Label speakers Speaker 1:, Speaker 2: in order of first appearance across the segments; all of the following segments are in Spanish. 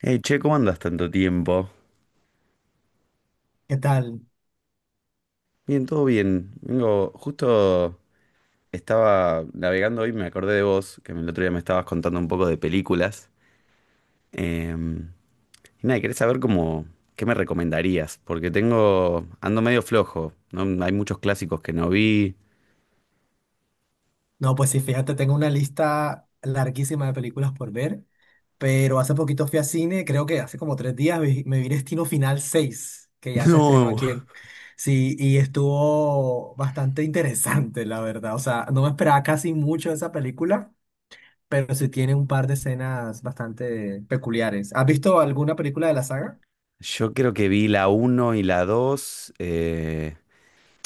Speaker 1: Hey, che, ¿cómo andas tanto tiempo?
Speaker 2: ¿Qué tal?
Speaker 1: Bien, todo bien. Vengo, justo estaba navegando hoy, y me acordé de vos, que el otro día me estabas contando un poco de películas. Em, y nada, quería saber cómo, qué me recomendarías, porque tengo, ando medio flojo, ¿no? Hay muchos clásicos que no vi.
Speaker 2: No, pues sí, fíjate, tengo una lista larguísima de películas por ver, pero hace poquito fui a cine, creo que hace como 3 días me vi Destino Final seis, que ya se estrenó
Speaker 1: No,
Speaker 2: aquí en... Sí, y estuvo bastante interesante, la verdad. O sea, no me esperaba casi mucho de esa película, pero sí tiene un par de escenas bastante peculiares. ¿Has visto alguna película de la saga?
Speaker 1: yo creo que vi la uno y la 2.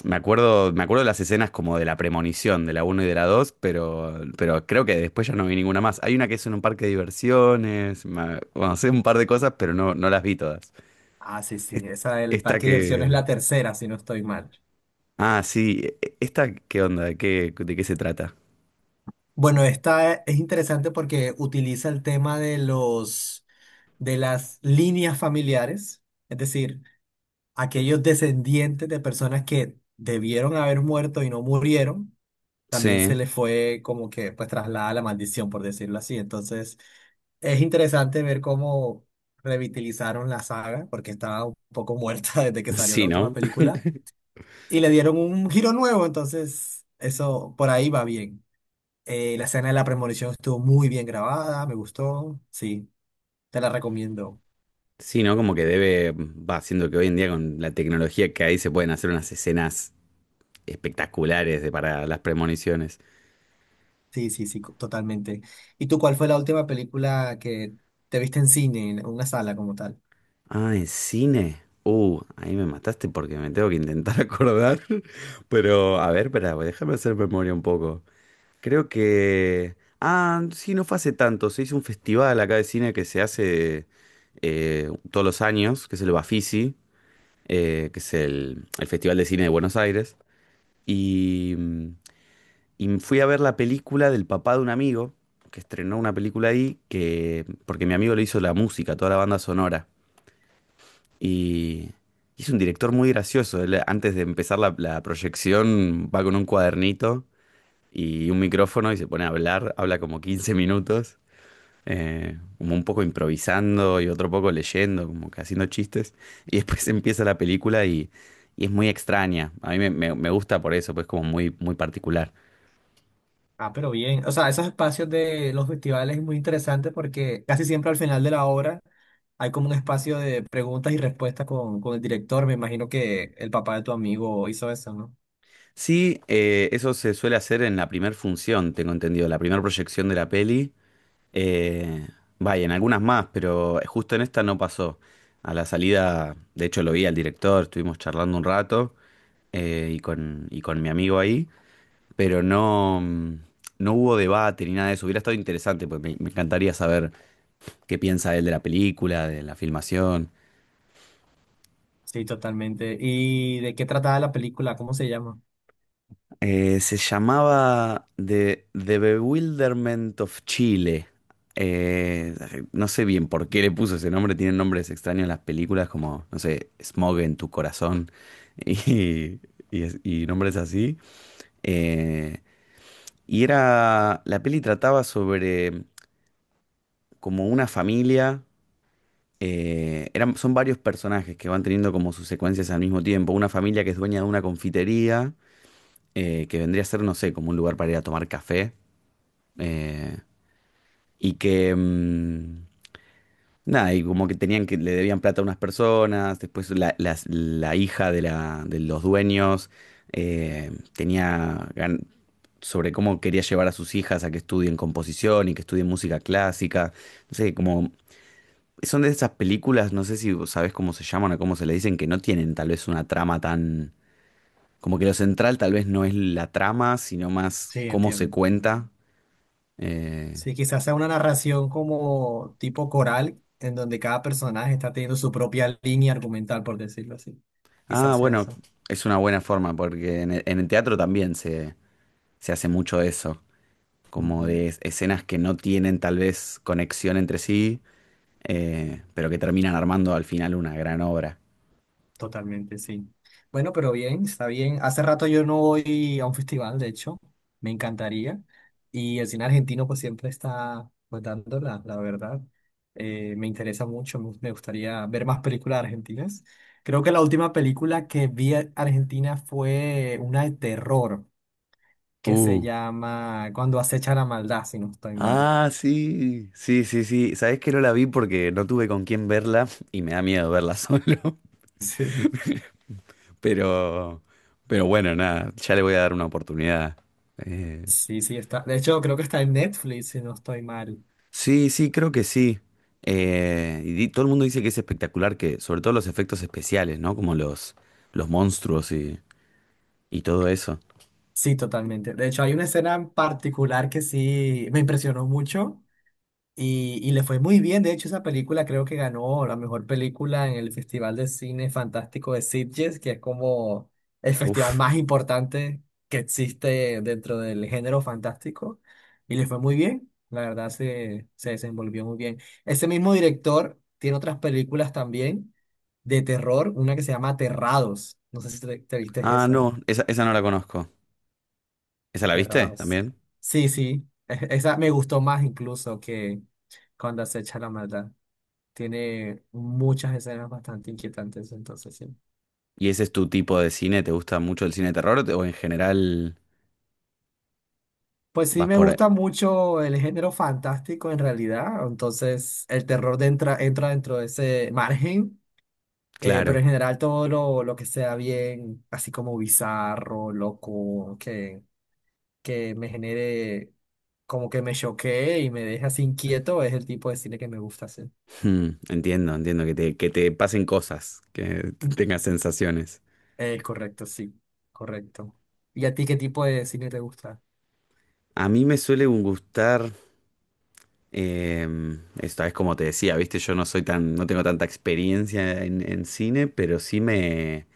Speaker 1: Me acuerdo de las escenas como de la premonición, de la uno y de la 2, pero creo que después ya no vi ninguna más. Hay una que es en un parque de diversiones, bueno, sé un par de cosas, pero no, no las vi todas.
Speaker 2: Ah, sí, sí,
Speaker 1: Es-
Speaker 2: esa del
Speaker 1: Esta
Speaker 2: Parque de Diversiones es
Speaker 1: que...
Speaker 2: la tercera, si no estoy mal.
Speaker 1: Ah, sí, esta, ¿qué onda? De qué se trata?
Speaker 2: Bueno, esta es interesante porque utiliza el tema de las líneas familiares, es decir, aquellos descendientes de personas que debieron haber muerto y no murieron, también se
Speaker 1: Sí,
Speaker 2: les fue como que pues traslada la maldición, por decirlo así. Entonces, es interesante ver cómo revitalizaron la saga, porque estaba un poco muerta desde que salió la
Speaker 1: sí,
Speaker 2: última
Speaker 1: ¿no?
Speaker 2: película, y le dieron un giro nuevo, entonces eso por ahí va bien. La escena de la premonición estuvo muy bien grabada, me gustó. Sí, te la recomiendo.
Speaker 1: Sí, ¿no? Como que debe, va, siendo que hoy en día con la tecnología que hay se pueden hacer unas escenas espectaculares para las premoniciones.
Speaker 2: Sí, sí, sí, totalmente. ¿Y tú cuál fue la última película que te viste en cine, en una sala como tal?
Speaker 1: Ah, en cine. Ahí me mataste porque me tengo que intentar acordar. Pero, a ver, espera, pues, déjame hacer memoria un poco. Creo que... Ah, sí, no fue hace tanto. Se hizo un festival acá de cine que se hace todos los años, que es el Bafisi, que es el Festival de Cine de Buenos Aires. Y, y fui a ver la película del papá de un amigo, que estrenó una película ahí, que, porque mi amigo le hizo la música, toda la banda sonora. Y, y es un director muy gracioso. Él, antes de empezar la proyección, va con un cuadernito y un micrófono y se pone a hablar. Habla como 15 minutos, como un poco improvisando y otro poco leyendo, como que haciendo chistes. Y después empieza la película y es muy extraña. A mí me, me gusta por eso, pues como muy, muy particular.
Speaker 2: Ah, pero bien. O sea, esos espacios de los festivales es muy interesante porque casi siempre al final de la obra hay como un espacio de preguntas y respuestas con el director. Me imagino que el papá de tu amigo hizo eso, ¿no?
Speaker 1: Sí, eso se suele hacer en la primera función, tengo entendido, la primera proyección de la peli. Eh, Vaya, en algunas más, pero justo en esta no pasó. A la salida, de hecho lo vi al director, estuvimos charlando un rato y con mi amigo ahí, pero no, no hubo debate ni nada de eso. Hubiera estado interesante, porque me encantaría saber qué piensa él de la película, de la filmación.
Speaker 2: Sí, totalmente. ¿Y de qué trataba la película? ¿Cómo se llama?
Speaker 1: Se llamaba The Bewilderment of Chile. Eh, no sé bien por qué le puso ese nombre, tienen nombres extraños las películas como, no sé, Smog en tu corazón y, y nombres así. Eh, y era, la peli trataba sobre como una familia, eran, son varios personajes que van teniendo como sus secuencias al mismo tiempo. Una familia que es dueña de una confitería, que vendría a ser, no sé, como un lugar para ir a tomar café. eh, y que, nada, y como que tenían que, le debían plata a unas personas, después la, la hija de, la, de los dueños eh, tenía gan- sobre cómo quería llevar a sus hijas a que estudien composición y que estudien música clásica, no sé, como... Son de esas películas, no sé si vos sabés cómo se llaman o cómo se le dicen, que no tienen tal vez una trama tan... Como que lo central tal vez no es la trama, sino más
Speaker 2: Sí,
Speaker 1: cómo se
Speaker 2: entiendo.
Speaker 1: cuenta. Eh,
Speaker 2: Sí, quizás sea una narración como tipo coral, en donde cada personaje está teniendo su propia línea argumental, por decirlo así.
Speaker 1: Ah,
Speaker 2: Quizás sea
Speaker 1: bueno,
Speaker 2: eso.
Speaker 1: es una buena forma porque en el teatro también se hace mucho eso, como
Speaker 2: Ujú.
Speaker 1: de escenas que no tienen tal vez conexión entre sí, pero que terminan armando al final una gran obra.
Speaker 2: Totalmente, sí. Bueno, pero bien, está bien. Hace rato yo no voy a un festival, de hecho, me encantaría. Y el cine argentino pues siempre está pues dando la verdad. Me interesa mucho, me gustaría ver más películas argentinas. Creo que la última película que vi argentina fue una de terror, que se
Speaker 1: Uh,
Speaker 2: llama Cuando acecha la maldad, si no estoy mal.
Speaker 1: ah, sí, sí, sí, sí. Sabés que no la vi porque no tuve con quién verla y me da miedo verla solo,
Speaker 2: Sí.
Speaker 1: pero, pero bueno, nada, ya le voy a dar una oportunidad. Eh,
Speaker 2: Sí, sí, está. De hecho, creo que está en Netflix, si no estoy mal.
Speaker 1: Sí, sí, creo que sí. Y todo el mundo dice que es espectacular, que sobre todo los efectos especiales, ¿no? Como los monstruos y todo eso.
Speaker 2: Sí, totalmente. De hecho, hay una escena en particular que sí me impresionó mucho. Y le fue muy bien, de hecho esa película creo que ganó la mejor película en el Festival de Cine Fantástico de Sitges, que es como el festival
Speaker 1: Uf.
Speaker 2: más importante que existe dentro del género fantástico. Y le fue muy bien, la verdad se desenvolvió muy bien. Ese mismo director tiene otras películas también de terror, una que se llama Aterrados, no sé si te viste
Speaker 1: Ah,
Speaker 2: esa,
Speaker 1: no, esa no la conozco. ¿Esa la viste
Speaker 2: Aterrados.
Speaker 1: también?
Speaker 2: Sí, sí, esa me gustó más incluso que Cuando acecha la maldad. Tiene muchas escenas bastante inquietantes, entonces sí.
Speaker 1: ¿Y ese es tu tipo de cine? ¿Te gusta mucho el cine de terror o o en general
Speaker 2: Pues sí,
Speaker 1: vas
Speaker 2: me
Speaker 1: por... ahí?
Speaker 2: gusta mucho el género fantástico en realidad, entonces el terror entra dentro de ese margen, pero
Speaker 1: Claro.
Speaker 2: en general todo lo que sea bien, así como bizarro, loco, que me genere, como que me choquee y me deje así inquieto, es el tipo de cine que me gusta hacer.
Speaker 1: Hmm, entiendo, entiendo que te pasen cosas, que
Speaker 2: Mm.
Speaker 1: tengas sensaciones.
Speaker 2: Correcto, sí, correcto. ¿Y a ti qué tipo de cine te gusta?
Speaker 1: A mí me suele gustar... Esta vez, como te decía, viste, yo no soy tan, no tengo tanta experiencia en cine, pero sí me,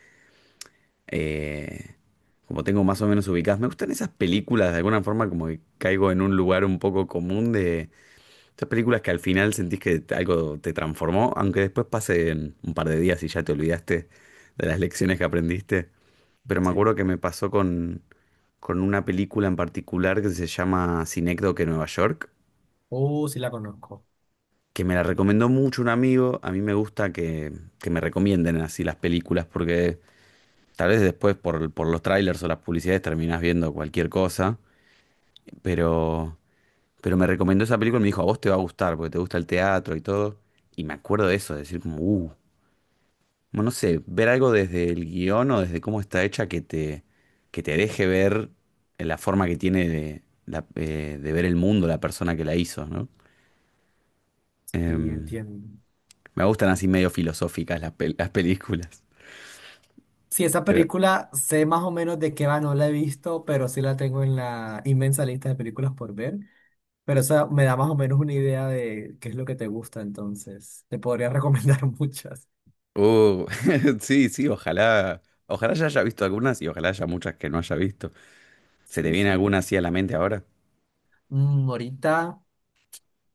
Speaker 1: eh, como tengo más o menos ubicadas, me gustan esas películas, de alguna forma como que caigo en un lugar un poco común de esas películas que al final sentís que algo te transformó, aunque después pasen un par de días y ya te olvidaste de las lecciones que aprendiste. Pero me
Speaker 2: Sí.
Speaker 1: acuerdo que me pasó con una película en particular que se llama Cinécdoque Nueva York
Speaker 2: Oh, sí la conozco.
Speaker 1: que me la recomendó mucho un amigo. A mí me gusta que me recomienden así las películas porque tal vez después por los trailers o las publicidades terminás viendo cualquier cosa. Pero, pero me recomendó esa película y me dijo, a vos te va a gustar porque te gusta el teatro y todo. Y me acuerdo de eso, de decir como, bueno, no sé, ver algo desde el guión o desde cómo está hecha que te deje ver la forma que tiene de, de ver el mundo la persona que la hizo, ¿no?
Speaker 2: Sí,
Speaker 1: Em,
Speaker 2: entiendo.
Speaker 1: Me gustan así medio filosóficas las películas.
Speaker 2: Sí, esa
Speaker 1: Pero,
Speaker 2: película sé más o menos de qué va, no la he visto, pero sí la tengo en la inmensa lista de películas por ver. Pero eso me da más o menos una idea de qué es lo que te gusta, entonces. Te podría recomendar muchas.
Speaker 1: uh, sí, sí, ojalá, ojalá ya haya visto algunas y ojalá haya muchas que no haya visto. ¿Se te
Speaker 2: Sí,
Speaker 1: viene
Speaker 2: sí.
Speaker 1: alguna así a la mente ahora?
Speaker 2: Mm, ahorita,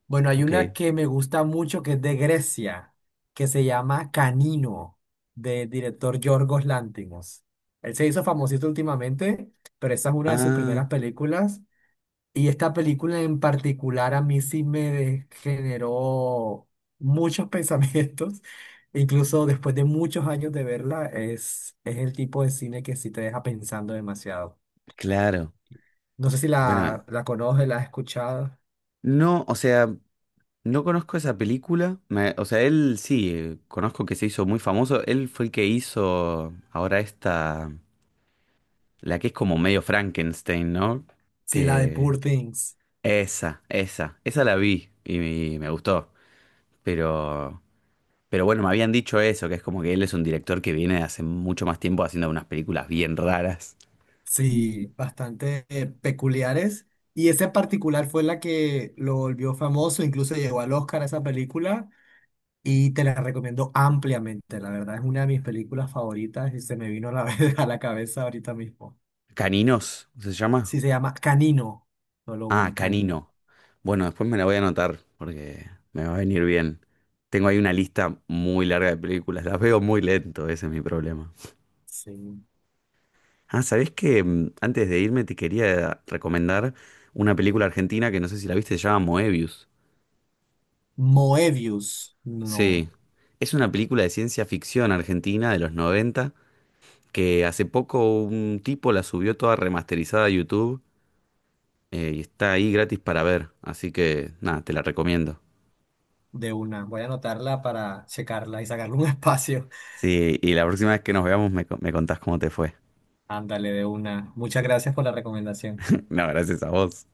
Speaker 2: bueno, hay
Speaker 1: Ok.
Speaker 2: una que me gusta mucho que es de Grecia, que se llama Canino, del director Yorgos Lanthimos. Él se hizo famosito últimamente, pero esa es una de sus primeras
Speaker 1: Ah,
Speaker 2: películas. Y esta película en particular a mí sí me generó muchos pensamientos, incluso después de muchos años de verla, es el tipo de cine que sí te deja pensando demasiado.
Speaker 1: claro.
Speaker 2: No sé si
Speaker 1: Bueno,
Speaker 2: la conoces, la has escuchado.
Speaker 1: no, o sea, no conozco esa película. O sea, él sí, conozco que se hizo muy famoso. Él fue el que hizo ahora esta, la que es como medio Frankenstein, ¿no?
Speaker 2: Sí, la de Poor
Speaker 1: Que...
Speaker 2: Things.
Speaker 1: Esa la vi y me gustó. Pero Pero bueno, me habían dicho eso, que es como que él es un director que viene de hace mucho más tiempo haciendo unas películas bien raras.
Speaker 2: Sí, bastante peculiares. Y esa en particular fue la que lo volvió famoso, incluso llegó al Oscar esa película. Y te la recomiendo ampliamente, la verdad es una de mis películas favoritas y se me vino a la, a la cabeza ahorita mismo.
Speaker 1: ¿Caninos? ¿Se llama?
Speaker 2: Sí, se llama Canino, solo
Speaker 1: Ah,
Speaker 2: uno, Canino.
Speaker 1: Canino. Bueno, después me la voy a anotar porque me va a venir bien. Tengo ahí una lista muy larga de películas, las veo muy lento, ese es mi problema.
Speaker 2: Sí.
Speaker 1: Ah, ¿sabés que antes de irme te quería recomendar una película argentina que no sé si la viste, se llama Moebius?
Speaker 2: Moebius,
Speaker 1: Sí,
Speaker 2: no,
Speaker 1: es una película de ciencia ficción argentina de los 90 que hace poco un tipo la subió toda remasterizada a YouTube y está ahí gratis para ver. Así que nada, te la recomiendo.
Speaker 2: de una. Voy a anotarla para checarla y sacarle un espacio.
Speaker 1: Sí, y la próxima vez que nos veamos me, me contás cómo te fue.
Speaker 2: Ándale, de una. Muchas gracias por la recomendación.
Speaker 1: No, gracias a vos.